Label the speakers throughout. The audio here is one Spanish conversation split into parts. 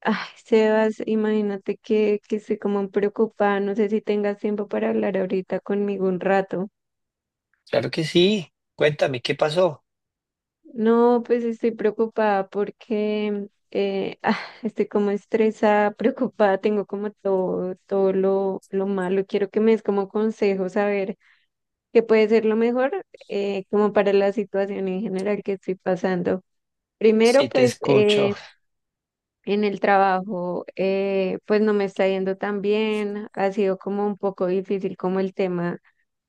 Speaker 1: Ay, Sebas, imagínate que estoy como preocupada, no sé si tengas tiempo para hablar ahorita conmigo un rato.
Speaker 2: Claro que sí. Cuéntame, ¿qué pasó?
Speaker 1: No, pues estoy preocupada porque ah, estoy como estresada, preocupada, tengo como todo lo malo. Quiero que me des como consejos a ver qué puede ser lo mejor como para la situación en general que estoy pasando. Primero,
Speaker 2: Sí, te
Speaker 1: pues
Speaker 2: escucho.
Speaker 1: en el trabajo, pues no me está yendo tan bien, ha sido como un poco difícil como el tema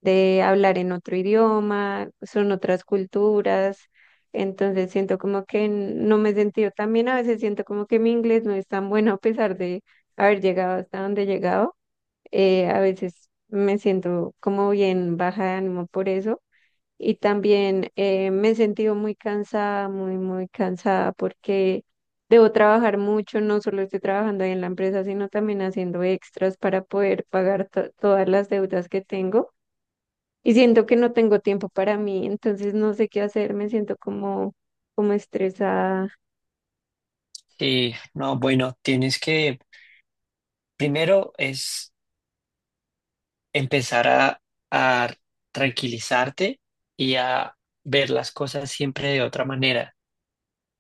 Speaker 1: de hablar en otro idioma, son otras culturas, entonces siento como que no me he sentido tan bien, a veces siento como que mi inglés no es tan bueno a pesar de haber llegado hasta donde he llegado, a veces me siento como bien baja de ánimo por eso y también me he sentido muy cansada, muy, muy cansada porque debo trabajar mucho, no solo estoy trabajando ahí en la empresa, sino también haciendo extras para poder pagar todas las deudas que tengo y siento que no tengo tiempo para mí. Entonces no sé qué hacer, me siento como estresada.
Speaker 2: Sí, no, bueno, tienes que, primero es empezar a tranquilizarte y a ver las cosas siempre de otra manera.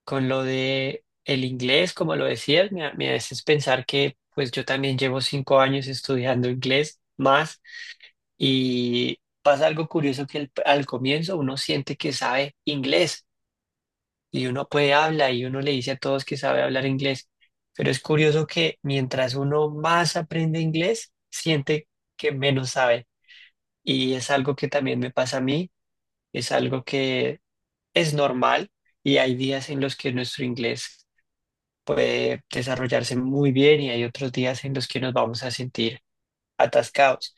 Speaker 2: Con lo de el inglés, como lo decías, me haces pensar que pues yo también llevo 5 años estudiando inglés más y pasa algo curioso que al comienzo uno siente que sabe inglés y uno puede hablar y uno le dice a todos que sabe hablar inglés, pero es curioso que mientras uno más aprende inglés, siente que menos sabe. Y es algo que también me pasa a mí, es algo que es normal y hay días en los que nuestro inglés puede desarrollarse muy bien y hay otros días en los que nos vamos a sentir atascados.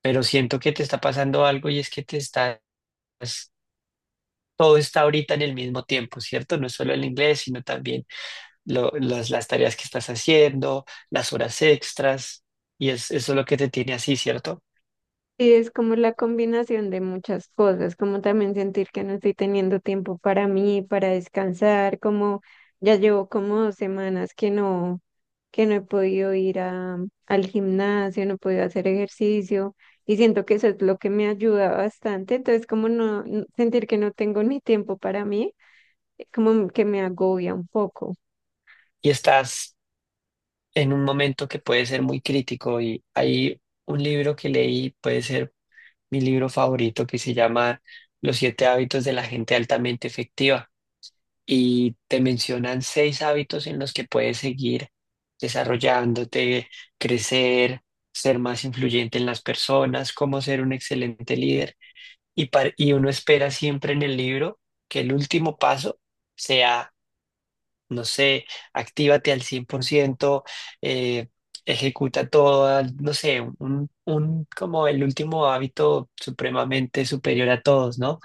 Speaker 2: Pero siento que te está pasando algo y es que te estás, todo está ahorita en el mismo tiempo, ¿cierto? No es solo el inglés, sino también las tareas que estás haciendo, las horas extras, y es, eso es lo que te tiene así, ¿cierto?
Speaker 1: Sí, es como la combinación de muchas cosas, como también sentir que no estoy teniendo tiempo para mí, para descansar, como ya llevo como 2 semanas que no he podido ir al gimnasio, no he podido hacer ejercicio y siento que eso es lo que me ayuda bastante, entonces como no sentir que no tengo ni tiempo para mí, como que me agobia un poco.
Speaker 2: Y estás en un momento que puede ser muy crítico y hay un libro que leí, puede ser mi libro favorito, que se llama Los siete hábitos de la gente altamente efectiva, y te mencionan seis hábitos en los que puedes seguir desarrollándote, crecer, ser más influyente en las personas, cómo ser un excelente líder. Y, y uno espera siempre en el libro que el último paso sea, no sé, actívate al 100%, eh, ejecuta todo, no sé, como el último hábito supremamente superior a todos, ¿no?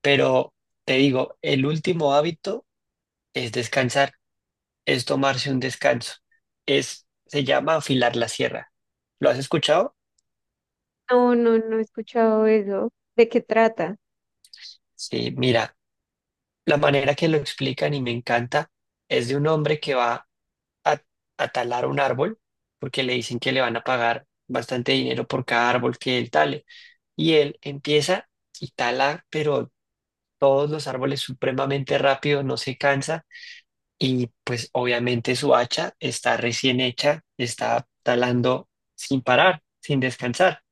Speaker 2: Pero te digo, el último hábito es descansar, es tomarse un descanso, es, se llama afilar la sierra. ¿Lo has escuchado?
Speaker 1: No, no, no he escuchado eso. ¿De qué trata?
Speaker 2: Sí, mira, la manera que lo explican y me encanta es de un hombre que va a, a talar un árbol, porque le dicen que le van a pagar bastante dinero por cada árbol que él tale. Y él empieza y tala, pero todos los árboles supremamente rápido, no se cansa. Y pues obviamente su hacha está recién hecha, está talando sin parar, sin descansar.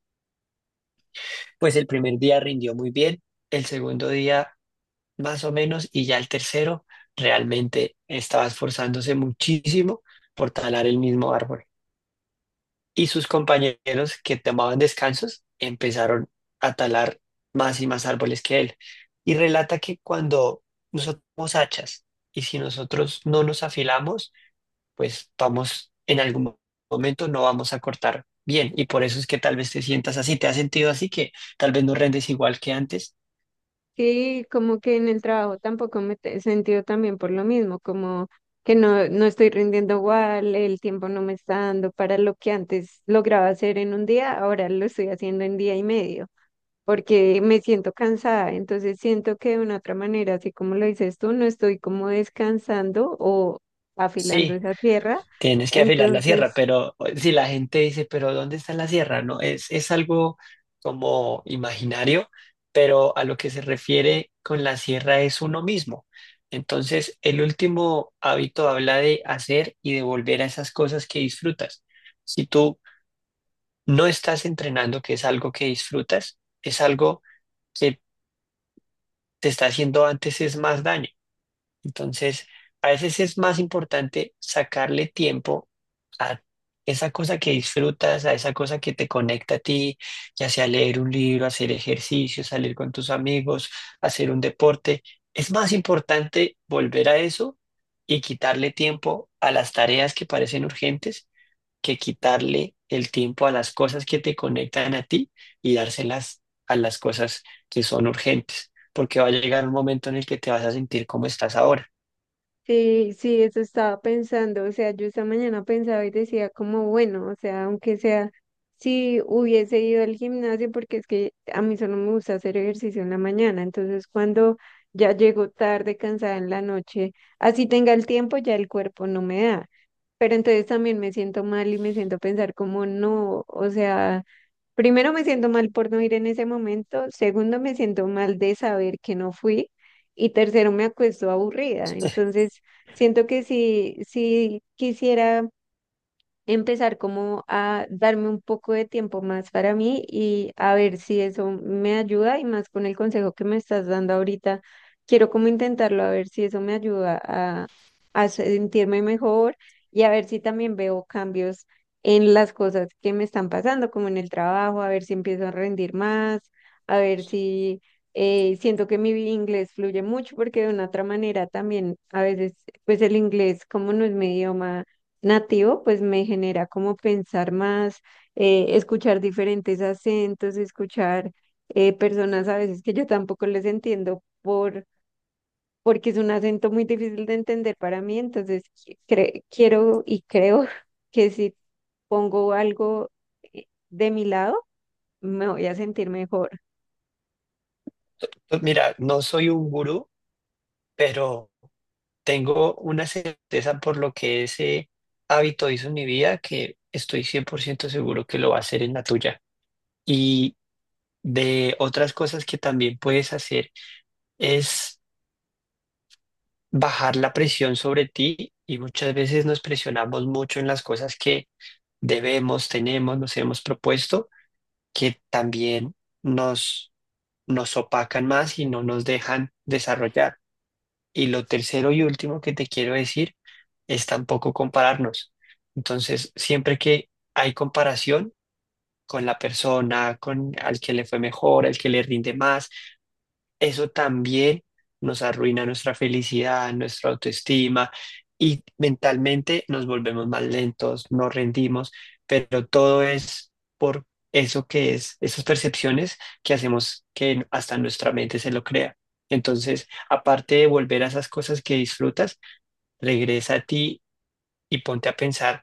Speaker 2: Pues el primer día rindió muy bien, el segundo día más o menos, y ya el tercero realmente estaba esforzándose muchísimo por talar el mismo árbol. Y sus compañeros que tomaban descansos empezaron a talar más y más árboles que él. Y relata que cuando nosotros somos hachas y si nosotros no nos afilamos, pues vamos, en algún momento no vamos a cortar bien. Y por eso es que tal vez te sientas así, te has sentido así que tal vez no rendes igual que antes.
Speaker 1: Sí, como que en el trabajo tampoco me he sentido también por lo mismo, como que no estoy rindiendo igual, el tiempo no me está dando para lo que antes lograba hacer en un día, ahora lo estoy haciendo en día y medio, porque me siento cansada, entonces siento que de una otra manera, así como lo dices tú, no estoy como descansando o afilando
Speaker 2: Sí,
Speaker 1: esa tierra,
Speaker 2: tienes que afilar la sierra,
Speaker 1: entonces...
Speaker 2: pero si la gente dice, pero ¿dónde está la sierra? No, es algo como imaginario, pero a lo que se refiere con la sierra es uno mismo. Entonces, el último hábito habla de hacer y de volver a esas cosas que disfrutas. Si tú no estás entrenando, que es algo que disfrutas, es algo que te está haciendo antes es más daño. Entonces, a veces es más importante sacarle tiempo a esa cosa que disfrutas, a esa cosa que te conecta a ti, ya sea leer un libro, hacer ejercicio, salir con tus amigos, hacer un deporte. Es más importante volver a eso y quitarle tiempo a las tareas que parecen urgentes que quitarle el tiempo a las cosas que te conectan a ti y dárselas a las cosas que son urgentes, porque va a llegar un momento en el que te vas a sentir como estás ahora.
Speaker 1: Sí, sí, eso estaba pensando, o sea, yo esta mañana pensaba y decía como, bueno, o sea, aunque sea, si hubiese ido al gimnasio, porque es que a mí solo me gusta hacer ejercicio en la mañana, entonces cuando ya llego tarde, cansada en la noche, así tenga el tiempo, ya el cuerpo no me da, pero entonces también me siento mal y me siento pensar como, no, o sea... Primero me siento mal por no ir en ese momento, segundo me siento mal de saber que no fui y tercero me acuesto aburrida. Entonces, siento que si quisiera empezar como a darme un poco de tiempo más para mí y a ver si eso me ayuda y más con el consejo que me estás dando ahorita. Quiero como intentarlo a ver si eso me ayuda a sentirme mejor y a ver si también veo cambios en las cosas que me están pasando, como en el trabajo, a ver si empiezo a rendir más, a ver si siento que mi inglés fluye mucho porque de una otra manera también a veces pues el inglés como no es mi idioma nativo, pues me genera como pensar más, escuchar diferentes acentos, escuchar personas a veces que yo tampoco les entiendo porque es un acento muy difícil de entender para mí, entonces quiero y creo que si pongo algo de mi lado, me voy a sentir mejor.
Speaker 2: Pues mira, no soy un gurú, pero tengo una certeza por lo que ese hábito hizo en mi vida que estoy 100% seguro que lo va a hacer en la tuya. Y de otras cosas que también puedes hacer es bajar la presión sobre ti y muchas veces nos presionamos mucho en las cosas que debemos, tenemos, nos hemos propuesto, que también nos, nos opacan más y no nos dejan desarrollar. Y lo tercero y último que te quiero decir es tampoco compararnos. Entonces, siempre que hay comparación con la persona, con al que le fue mejor, al que le rinde más, eso también nos arruina nuestra felicidad, nuestra autoestima y mentalmente nos volvemos más lentos, nos rendimos, pero todo es por eso que es, esas percepciones que hacemos que hasta nuestra mente se lo crea. Entonces, aparte de volver a esas cosas que disfrutas, regresa a ti y ponte a pensar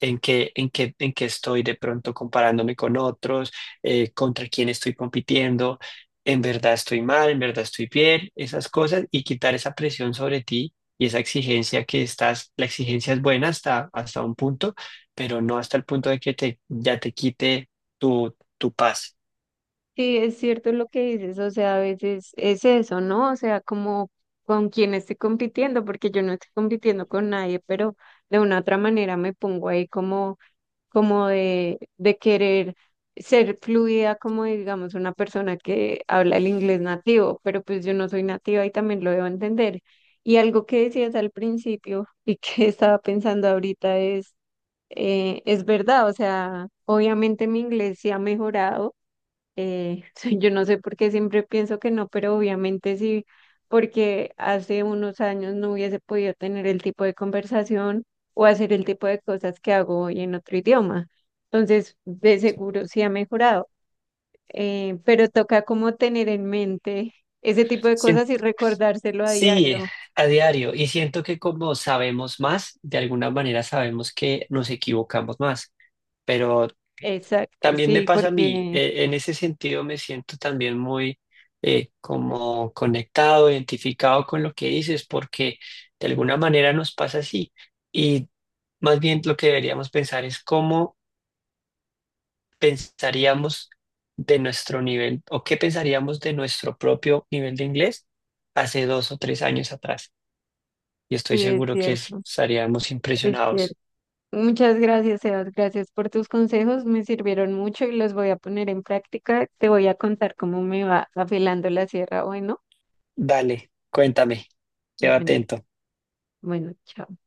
Speaker 2: en qué estoy de pronto comparándome con otros, contra quién estoy compitiendo, en verdad estoy mal, en verdad estoy bien, esas cosas y quitar esa presión sobre ti y esa exigencia que estás, la exigencia es buena hasta, hasta un punto, pero no hasta el punto de que ya te quite tu paz.
Speaker 1: Sí, es cierto lo que dices, o sea, a veces es eso, ¿no? O sea, como con quién estoy compitiendo, porque yo no estoy compitiendo con nadie, pero de una otra manera me pongo ahí como, como de querer ser fluida, como digamos una persona que habla el inglés nativo, pero pues yo no soy nativa y también lo debo entender. Y algo que decías al principio y que estaba pensando ahorita es verdad, o sea, obviamente mi inglés sí ha mejorado eh, yo no sé por qué siempre pienso que no, pero obviamente sí, porque hace unos años no hubiese podido tener el tipo de conversación o hacer el tipo de cosas que hago hoy en otro idioma. Entonces, de seguro sí ha mejorado, pero toca como tener en mente ese tipo de
Speaker 2: Sien-
Speaker 1: cosas y recordárselo a
Speaker 2: Sí,
Speaker 1: diario.
Speaker 2: a diario. Y siento que como sabemos más, de alguna manera sabemos que nos equivocamos más, pero
Speaker 1: Exacto,
Speaker 2: también me
Speaker 1: sí,
Speaker 2: pasa a mí,
Speaker 1: porque
Speaker 2: en ese sentido me siento también muy como conectado, identificado con lo que dices, porque de alguna manera nos pasa así. Y más bien lo que deberíamos pensar es cómo pensaríamos de nuestro nivel o qué pensaríamos de nuestro propio nivel de inglés hace 2 o 3 años atrás. Y estoy
Speaker 1: sí, es
Speaker 2: seguro que
Speaker 1: cierto,
Speaker 2: estaríamos
Speaker 1: es cierto.
Speaker 2: impresionados.
Speaker 1: Muchas gracias, Sebas. Gracias por tus consejos. Me sirvieron mucho y los voy a poner en práctica. Te voy a contar cómo me va afilando la sierra. Bueno,
Speaker 2: Dale, cuéntame, quedo
Speaker 1: bueno,
Speaker 2: atento.
Speaker 1: bueno, chao.